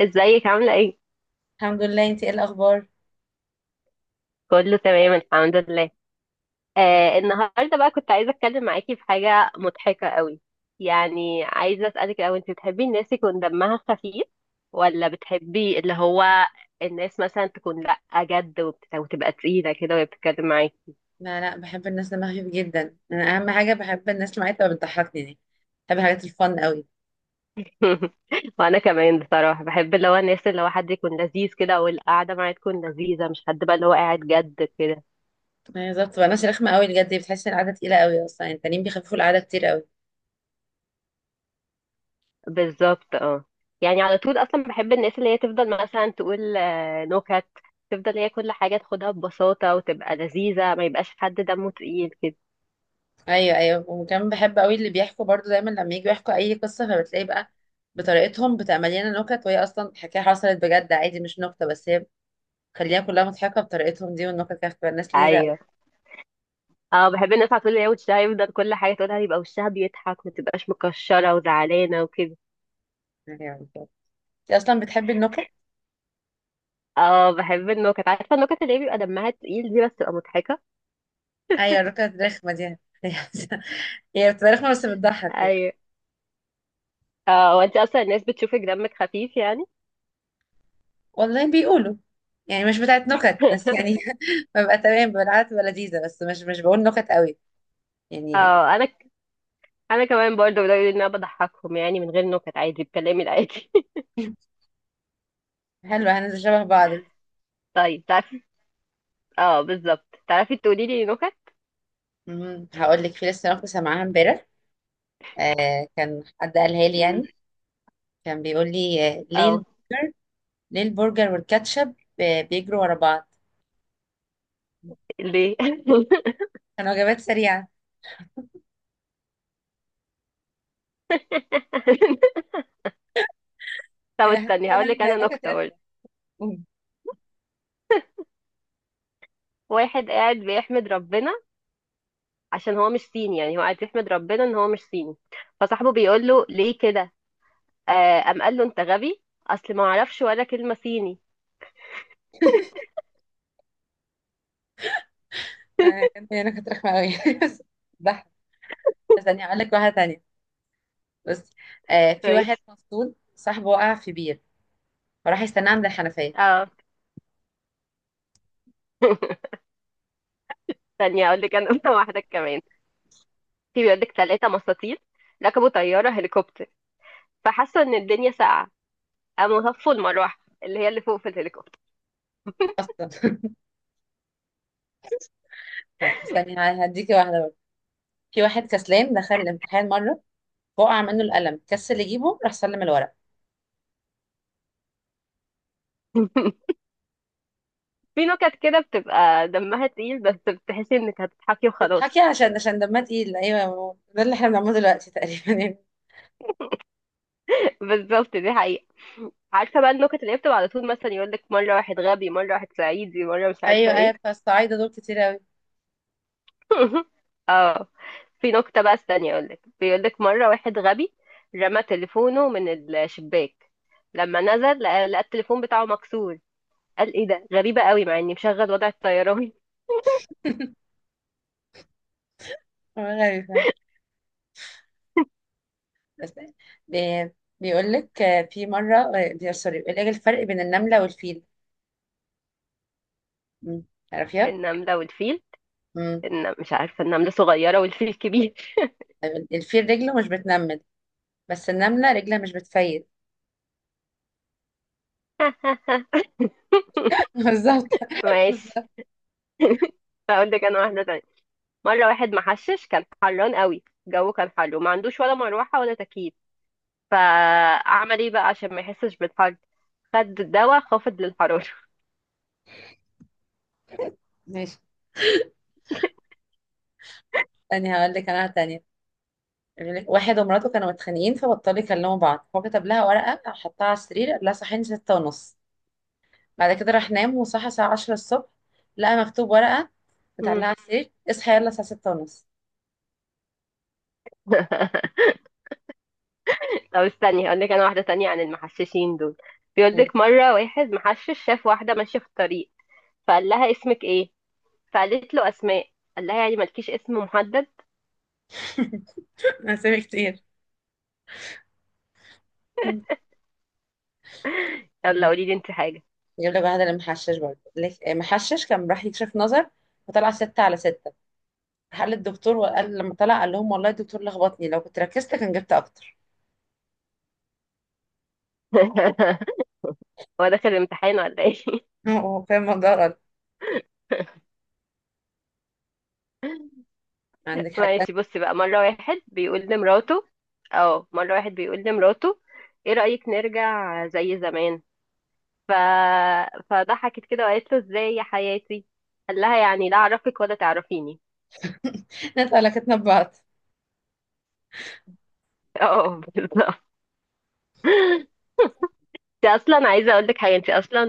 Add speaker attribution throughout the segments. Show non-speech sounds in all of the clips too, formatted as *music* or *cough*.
Speaker 1: ازيك عاملة ايه؟
Speaker 2: الحمد لله. انتي ايه الاخبار؟
Speaker 1: كله تمام الحمد لله. النهاردة بقى كنت عايزة اتكلم معاكي في حاجة مضحكة قوي. يعني عايزة اسألك الاول، انت بتحبي الناس يكون دمها خفيف ولا بتحبي اللي هو الناس مثلا تكون لأ جد وتبقى تقيلة كده وهي بتتكلم معاكي؟
Speaker 2: لا، لا، بحب الناس دماغها خفيف جدا. انا اهم حاجه بحب الناس اللي معايا تبقى بتضحكني دي. بحب الحاجات الفن قوي.
Speaker 1: *laughs* وانا كمان بصراحة بحب اللي هو الناس اللي هو حد يكون لذيذ كده والقعدة معاه تكون لذيذة، مش حد بقى اللي هو قاعد جد كده.
Speaker 2: ايوه، بالظبط. بتبقى ناس رخمه قوي بجد. بتحس ان القعده تقيله قوي اصلا، يعني التانيين بيخففوا القعده كتير قوي.
Speaker 1: بالظبط، اه. يعني على طول اصلا بحب الناس اللي هي تفضل مثلا تقول نكت، تفضل هي كل حاجه تاخدها ببساطه وتبقى لذيذه، ما يبقاش حد دمه تقيل كده.
Speaker 2: ايوه، ايوه، وكمان بحب قوي اللي بيحكوا برضو دايما لما يجوا يحكوا اي قصه، فبتلاقي بقى بطريقتهم بتعمل لنا نكت، وهي اصلا حكايه حصلت بجد عادي مش نكته، بس هي خليها كلها مضحكه بطريقتهم دي. والنكت كانت بتبقى الناس لذيذه قوي.
Speaker 1: ايوه. اه، بحب الناس على طول اللي هي وشها يفضل كل حاجه تقولها يبقى وشها بيضحك، ما تبقاش مكشره وزعلانه وكده.
Speaker 2: ايوه، بالظبط. انت اصلا بتحبي النكت؟
Speaker 1: اه، بحب النكت. عارفه النكت اللي هي بيبقى دمها تقيل دي، بس تبقى مضحكه.
Speaker 2: ايوه، الركنة الرخمة دي *laughs* هي بتبقى رخمة بس بتضحك يعني.
Speaker 1: ايوه. اه، وانت اصلا الناس بتشوفك دمك خفيف يعني؟
Speaker 2: والله بيقولوا. يعني مش بتاعت نكت بس يعني.
Speaker 1: *laughs*
Speaker 2: *laughs* ببقى تمام بالعادة، ببقى لذيذة، بس مش بقول نكت قوي يعني.
Speaker 1: اه، انا، انا كمان برضه بدأوا يقولوا ان انا بضحكهم يعني، من غير نكت، عادي بكلامي العادي.
Speaker 2: حلو، هننزل شبه بعض.
Speaker 1: *laughs* طيب تعرفي، اه بالظبط، تعرفي تقولي لي نكت.
Speaker 2: مم. هقول لك في لسه نكتة سامعاها امبارح. كان حد قالها لي يعني.
Speaker 1: امم.
Speaker 2: كان بيقول لي ليه
Speaker 1: اه.
Speaker 2: البرجر. ليه البرجر والكاتشب، بيجروا ورا بعض.
Speaker 1: ليه؟ *laughs*
Speaker 2: كان وجبات سريعة. *laughs*
Speaker 1: طب استني هقول
Speaker 2: فعلا،
Speaker 1: لك انا
Speaker 2: نكت
Speaker 1: نكته برضه.
Speaker 2: رخمة. مم.
Speaker 1: واحد قاعد بيحمد ربنا عشان هو مش صيني، يعني هو قاعد يحمد ربنا ان هو مش صيني. فصاحبه بيقول له ليه كده. آه قام قال له انت غبي، اصل ما اعرفش ولا كلمه صيني.
Speaker 2: كانت هي نكت رخمة قوي. *laughs* بس. استني هقول لك واحده تانية. بصي. في واحد
Speaker 1: كويس.
Speaker 2: مفصول صاحبه وقع في بير، فراح يستناه عند الحنفيه.
Speaker 1: اه. *laughs* استني هقول لك انا نكتة واحده كمان. في بيقول لك ثلاثه مساطيل ركبوا طياره هليكوبتر، فحسوا ان الدنيا ساقعه، قاموا هفوا المروحه اللي هي اللي فوق في الهليكوبتر.
Speaker 2: اصلا. *laughs* طيب، استني هديكي واحده بقى. في واحد كسلان دخل الامتحان مره، وقع منه القلم، كسل يجيبه، راح سلم الورق.
Speaker 1: في نكت كده بتبقى دمها تقيل بس بتحسي انك هتضحكي وخلاص.
Speaker 2: تضحكي عشان دمها تقيل، ايوه، ده اللي احنا بنعمله دلوقتي تقريبا يعني.
Speaker 1: *laughs* بالظبط، دي حقيقة. عارفة بقى النكت اللي هي بتبقى على طول مثلا يقولك مرة واحد غبي، مرة واحد صعيدي، مرة مش عارفة
Speaker 2: ايوه، ايوه،
Speaker 1: ايه.
Speaker 2: فالصعايده دول كتير قوي.
Speaker 1: *laughs* اه. في نكتة بقى استني اقولك، بيقولك مرة واحد غبي رمى تليفونه من الشباك. لما نزل لقى التليفون بتاعه مكسور. قال ايه ده، غريبة قوي مع اني مشغل وضع الطيران.
Speaker 2: غريبه. بس. بي- بيقول لك في مره، آه، بي- سوري بيقول لك الفرق بين النمله والفيل. مم.
Speaker 1: *laughs*
Speaker 2: تعرفيها؟
Speaker 1: النملة والفيل.
Speaker 2: مم.
Speaker 1: مش عارفة، النملة صغيرة والفيل كبير.
Speaker 2: طيب، الفيل رجله مش بتنمل، بس النملة رجلها مش بتفيد.
Speaker 1: *laughs*
Speaker 2: *laughs* بالظبط.
Speaker 1: ماشي. *laughs* هقول لك انا واحده تانية. مره واحد محشش كان حران قوي، الجو كان حر وما عندوش ولا مروحه ولا تكييف. فعمل ايه بقى عشان ما يحسش بالحر؟ خد دواء خافض للحراره.
Speaker 2: ماشي. تاني هقول لك انا تانية. بيقول لك واحد ومراته كانوا متخانقين، فبطلوا يكلموا بعض. هو كتب لها ورقة، حطها على السرير، قال لها صحيني 6:30. بعد كده راح نام، وصحى الساعة 10 الصبح. لقى مكتوب ورقة
Speaker 1: مم.
Speaker 2: متعلقة على السرير: اصحى يلا الساعة 6:30.
Speaker 1: *laughs* طب استني هقول لك انا واحده تانية عن المحششين دول. بيقول
Speaker 2: مم.
Speaker 1: لك مره واحد محشش شاف واحده ماشيه في الطريق، فقال لها اسمك ايه؟ فقالت له اسماء. قال لها يعني مالكيش اسم محدد؟
Speaker 2: *laughs* أسامي كتير. مم.
Speaker 1: يلا قولي لي انت حاجه.
Speaker 2: يجيب لك واحدة المحشش برضه، يقول لك محشش كان راح يكشف نظر، وطلع 6/6. راح قال للدكتور، وقال لما طلع قال لهم: والله الدكتور لخبطني، لو كنت ركزت كان جبت أكتر.
Speaker 1: *laughs* هو داخل الامتحان ولا ايه؟
Speaker 2: *laughs* هو فاهم الموضوع. عندك حاجة
Speaker 1: ماشي،
Speaker 2: تانية؟
Speaker 1: بص بقى. مرة واحد بيقول لمراته ايه رأيك نرجع زي زمان؟ ف... فضحكت كده وقالت له ازاي يا حياتي؟ قال لها يعني لا اعرفك ولا تعرفيني.
Speaker 2: *laughs* نتقلقتنا ببعض.
Speaker 1: *laughs* اه بالظبط. انت اصلا عايزة اقول لك حاجة، انت اصلا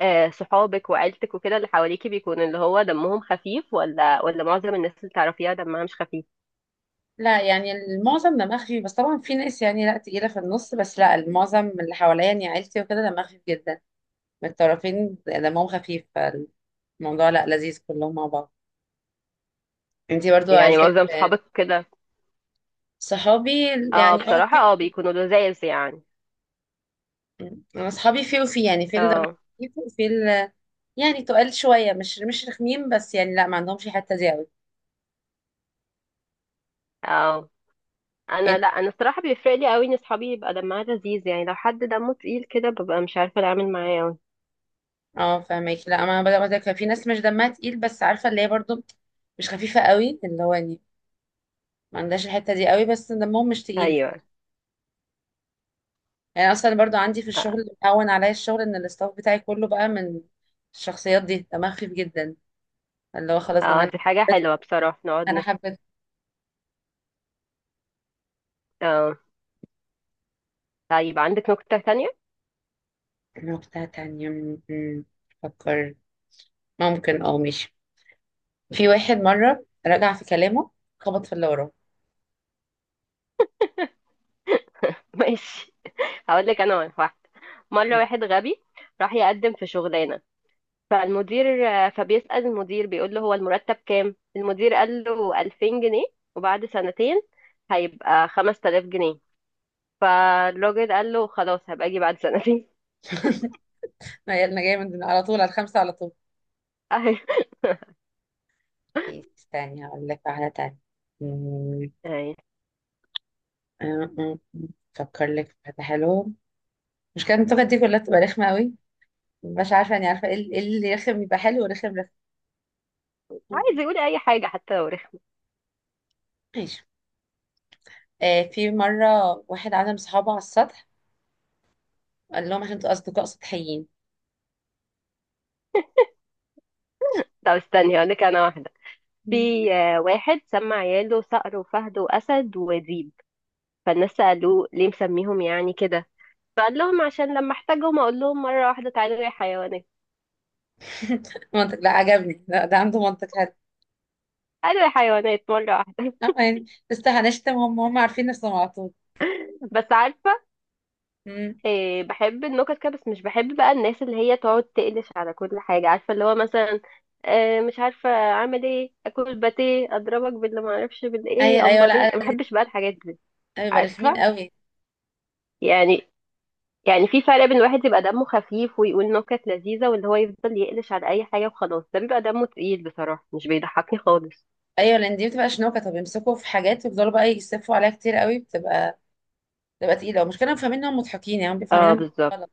Speaker 1: صحابك وعيلتك وكده اللي حواليكي بيكون اللي هو دمهم خفيف، ولا معظم الناس اللي تعرفيها دمها مش خفيف؟
Speaker 2: لا، يعني المعظم دماغ خفيف، بس طبعا في ناس يعني لا تقيلة في النص، بس لا، المعظم اللي حواليا يعني عيلتي وكده دماغ خفيف جدا. من الطرفين دمهم خفيف، فالموضوع لا، لذيذ كلهم مع بعض. انتي برضو
Speaker 1: يعني
Speaker 2: عيلتك؟
Speaker 1: معظم صحابك كده؟
Speaker 2: صحابي؟
Speaker 1: اه
Speaker 2: يعني
Speaker 1: بصراحة،
Speaker 2: في
Speaker 1: اه
Speaker 2: وفي.
Speaker 1: بيكونوا لذاذ يعني.
Speaker 2: انا اصحابي في وفي، يعني في اللي دمهم
Speaker 1: اه.
Speaker 2: خفيف، وفي اللي يعني تقال شوية، مش رخمين، بس يعني لا، ما عندهمش الحتة دي قوي.
Speaker 1: اه انا، لا انا الصراحه بيفرق لي قوي ان اصحابي يبقى دمها لذيذ يعني. لو حد دمه تقيل كده ببقى مش عارفه اتعامل معاه قوي.
Speaker 2: اه، فاهمك. لا، ما انا بدأ كان في ناس مش دمها تقيل، بس عارفه اللي هي برضو مش خفيفه قوي، اللي هو يعني ما عندهاش الحته دي قوي، بس دمهم مش تقيل.
Speaker 1: ايوه.
Speaker 2: يعني اصلا برضو عندي في
Speaker 1: اه.
Speaker 2: الشغل اللي مهون عليا الشغل، ان الاستاف بتاعي كله بقى من الشخصيات دي دمها خفيف جدا، اللي هو خلاص دماغ
Speaker 1: دي حاجه
Speaker 2: انا. حبيت.
Speaker 1: حلوه بصراحه، نقعد
Speaker 2: انا
Speaker 1: نت...
Speaker 2: حبيت.
Speaker 1: اه. طيب عندك نكته تانية؟ *laughs*
Speaker 2: نقطه تانية. فكر. ممكن ماشي. في واحد مره رجع في كلامه، خبط في اللي وراه.
Speaker 1: ماشي، هقول لك انا واحده. مره واحد غبي راح يقدم في شغلانه، فالمدير فبيسأل المدير بيقول له هو المرتب كام. المدير قال له 2000 جنيه، وبعد سنتين هيبقى 5000 جنيه. فالراجل قال له خلاص، هبقى اجي بعد سنتين.
Speaker 2: *laughs* ما هي انا جايه من على طول على الخمسه على طول.
Speaker 1: *laughs*
Speaker 2: إيه، استني هقول لك واحده تانية.
Speaker 1: أهي.
Speaker 2: آه، آه، فكر لك في حاجة حلوة. مش كان التوكة دي كلها تبقى رخمة قوي. مش عارفة يعني، عارفة ايه إيه اللي رخم يبقى حلو، ورخم رخم.
Speaker 1: عايز
Speaker 2: أم.
Speaker 1: يقول اي حاجه حتى لو رخم.
Speaker 2: ماشي. في مرة واحد عزم صحابه على السطح، قال لهم عشان انتوا أصدقاء سطحيين.
Speaker 1: طب استني هقول لك انا واحده.
Speaker 2: مم.
Speaker 1: في واحد سمى عياله صقر وفهد واسد وذيب. فالناس سالوه ليه مسميهم يعني كده؟ فقال لهم عشان لما احتاجهم اقول لهم مره واحده تعالوا يا حيوانات.
Speaker 2: *laughs* منطق، لا عجبني، لا ده عنده منطق حلو.
Speaker 1: قالوا يا حيوانات مره واحده.
Speaker 2: اه
Speaker 1: *laughs*
Speaker 2: يعني، بس هنشتم. هم هم عارفين نفسهم على طول.
Speaker 1: بس عارفه،
Speaker 2: مم.
Speaker 1: بحب النكت كده، بس مش بحب بقى الناس اللي هي تقعد تقلش على كل حاجه، عارفه اللي هو مثلا مش عارفه اعمل ايه، اكل باتيه اضربك باللي ما اعرفش
Speaker 2: ايوه،
Speaker 1: بالايه،
Speaker 2: ايوه،
Speaker 1: امال ايه.
Speaker 2: لا.
Speaker 1: ما بحبش بقى الحاجات دي.
Speaker 2: لا، بيبقى رخمين
Speaker 1: عارفه
Speaker 2: قوي.
Speaker 1: يعني، يعني في فرق بين واحد يبقى دمه خفيف ويقول نكت لذيذة، واللي هو يفضل يقلش على أي حاجة وخلاص، ده بيبقى دمه تقيل بصراحة، مش بيضحكني خالص.
Speaker 2: ايوه، لان دي بتبقى شنوكه. طب يمسكوا في حاجات ويفضلوا بقى يسفوا عليها كتير قوي، بتبقى تقيله، ومش كانوا فاهمين انهم مضحكين يعني، هم بيفهمين
Speaker 1: اه بالظبط.
Speaker 2: إنهم.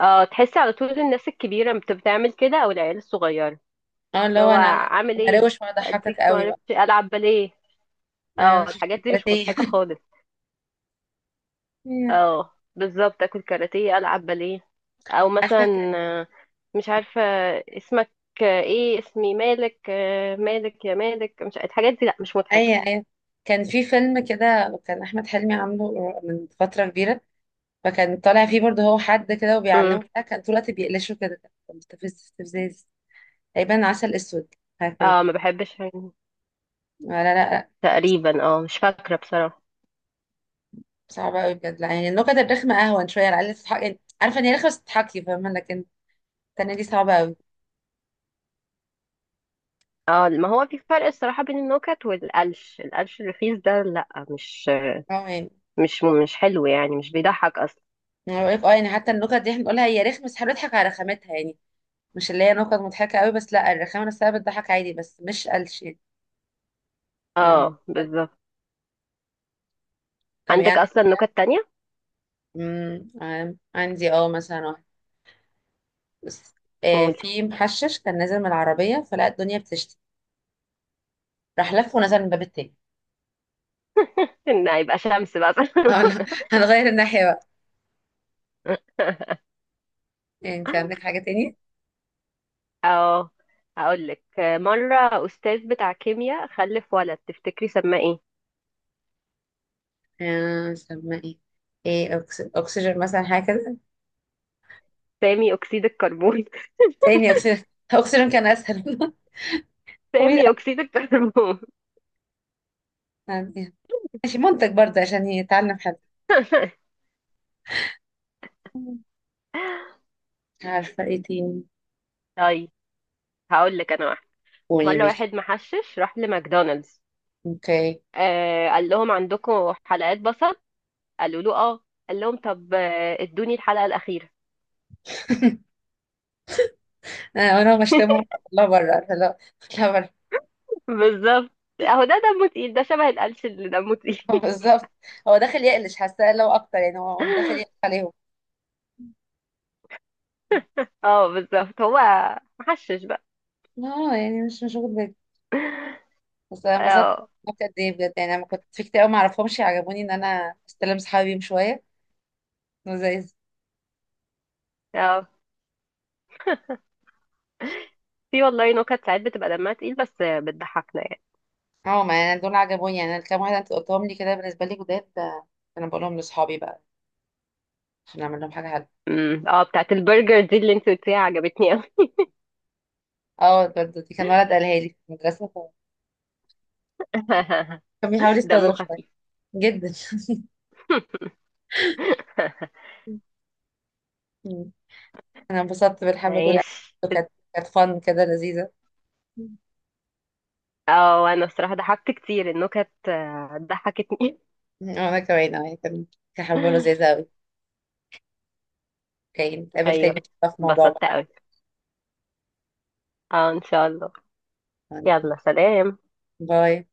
Speaker 1: اه تحسي على طول الناس الكبيرة بتعمل كده، أو العيال الصغيرة
Speaker 2: اه، اللي
Speaker 1: اللي
Speaker 2: هو
Speaker 1: هو
Speaker 2: انا انا
Speaker 1: عامل
Speaker 2: أنا
Speaker 1: ايه،
Speaker 2: هروش واضحكك
Speaker 1: أديك
Speaker 2: قوي بقى.
Speaker 1: معرفش ألعب باليه.
Speaker 2: انا
Speaker 1: اه
Speaker 2: شفت
Speaker 1: الحاجات دي مش مضحكة
Speaker 2: كاراتيه.
Speaker 1: خالص.
Speaker 2: *laughs* أيوة.
Speaker 1: اه بالظبط، أكل كاراتيه، ألعب باليه، أو
Speaker 2: عارفه كان.
Speaker 1: مثلا مش عارفة اسمك، ايه اسمي مالك، مالك يا مالك، مش الحاجات دي، لأ مش مضحكة.
Speaker 2: ايوه، ايوه، كان في فيلم كده، وكان احمد حلمي عامله من فتره كبيره. فكان طالع فيه برضه هو حد كده وبيعلمه بتاع، كان طول الوقت بيقلشه كده. كان مستفز استفزاز. تقريبا عسل اسود، حاجه كده.
Speaker 1: اه ما بحبش.
Speaker 2: لا، لا، لا.
Speaker 1: تقريبا اه مش فاكرة بصراحة.
Speaker 2: صعبه قوي بجد، لا، يعني النكت الرخمه اهون شويه، على الاقل تضحك، يعني عارفه ان هي رخمه بس تضحكي، فاهمه، لكن التانيه دي صعبه قوي.
Speaker 1: اه، ما هو في فرق الصراحة بين النكت والقلش، القلش الرخيص ده لا، مش
Speaker 2: اه يعني،
Speaker 1: مش مش حلو يعني، مش بيضحك اصلا.
Speaker 2: انا بقول لك اه يعني حتى النكت دي احنا بنقولها هي رخمه، بس احنا بنضحك على رخامتها يعني، مش اللي هي نكت مضحكة قوي، بس لا، الرخامة نفسها بتضحك عادي، بس مش قلش يعني. أنا ما-
Speaker 1: اه بالظبط.
Speaker 2: طب
Speaker 1: عندك
Speaker 2: يعني.
Speaker 1: اصلا نكت تانية؟
Speaker 2: مم، عندي مثلا واحد. بس.
Speaker 1: قولي.
Speaker 2: في محشش كان نازل من العربية، فلقى الدنيا بتشتي، راح لف ونزل من الباب التاني.
Speaker 1: *laughs* ان هيبقى شمس بقى.
Speaker 2: *laughs* اه، لا. هنغير الناحية بقى. يعني انت عندك
Speaker 1: *laughs*
Speaker 2: حاجة تاني؟
Speaker 1: اه، هقول لك مرة استاذ بتاع كيمياء خلف ولد، تفتكري سماه ايه؟
Speaker 2: سمى ايه؟ ايه، اكسجين مثلا، حاجة كده.
Speaker 1: سامي اكسيد الكربون.
Speaker 2: تاني اكسجين. اكسجين كان اسهل. *laughs*
Speaker 1: *laughs*
Speaker 2: كويس.
Speaker 1: سامي اكسيد الكربون.
Speaker 2: يعني ماشي. منتج برضه عشان يتعلم حد.
Speaker 1: *laughs*
Speaker 2: عارفة ايه تاني.
Speaker 1: طيب هقول لك انا،
Speaker 2: قولي،
Speaker 1: مرة
Speaker 2: ماشي.
Speaker 1: واحد محشش راح لماكدونالدز.
Speaker 2: اوكي.
Speaker 1: آه قال لهم عندكم حلقات بصل؟ قالوا له اه. قال لهم طب ادوني الحلقة الأخيرة.
Speaker 2: انا بشتمه. لا، بره، لا. لا، بره.
Speaker 1: *laughs* بالظبط، اهو ده دمه تقيل، ده شبه القلش اللي دمه تقيل.
Speaker 2: *laughs* بالظبط. هو داخل يقلش حاساه لو اكتر، يعني هو داخل يقلش
Speaker 1: *laughs*
Speaker 2: عليهم.
Speaker 1: اه بالظبط، هو محشش بقى.
Speaker 2: اه يعني، مش واخد بالي. بس انا انبسطت.
Speaker 1: اه.
Speaker 2: انبسطت قد ايه بجد، يعني انا كنت في كتير قوي ما اعرفهمش، عجبوني ان انا استلم صحابي بيهم شويه لذيذ.
Speaker 1: اه، في والله نكت ساعات بتبقى دمها تقيل بس بتضحكنا يعني.
Speaker 2: اه، ما يعني دول عجبوني، يعني الكام واحد انت قلتهم لي كده بالنسبه لي جداد. انا بقولهم لاصحابي بقى عشان اعمل لهم حاجه حلوه.
Speaker 1: أمم، اه بتاعت البرجر دي اللي انت قلتيها عجبتني قوي.
Speaker 2: اه، برضه دي كان ولد قالها لي في المدرسه.
Speaker 1: *laughs*
Speaker 2: كان بيحاول
Speaker 1: دمه
Speaker 2: يستظرف شويه.
Speaker 1: خفيف.
Speaker 2: جدا. *laughs* انا انبسطت
Speaker 1: *laughs*
Speaker 2: بالحبة دول.
Speaker 1: ماشي.
Speaker 2: كانت فن كده لذيذة. مم.
Speaker 1: اه انا الصراحه ضحكت كتير، النكت ضحكتني.
Speaker 2: وانا كمان. انا كان حبة
Speaker 1: *laughs*
Speaker 2: لذيذة اوي. اوكي، نتقابل تاني،
Speaker 1: ايوه.
Speaker 2: في موضوع
Speaker 1: اتبسطت
Speaker 2: بقى.
Speaker 1: قوي. اه ان شاء الله. يلا سلام.
Speaker 2: باي.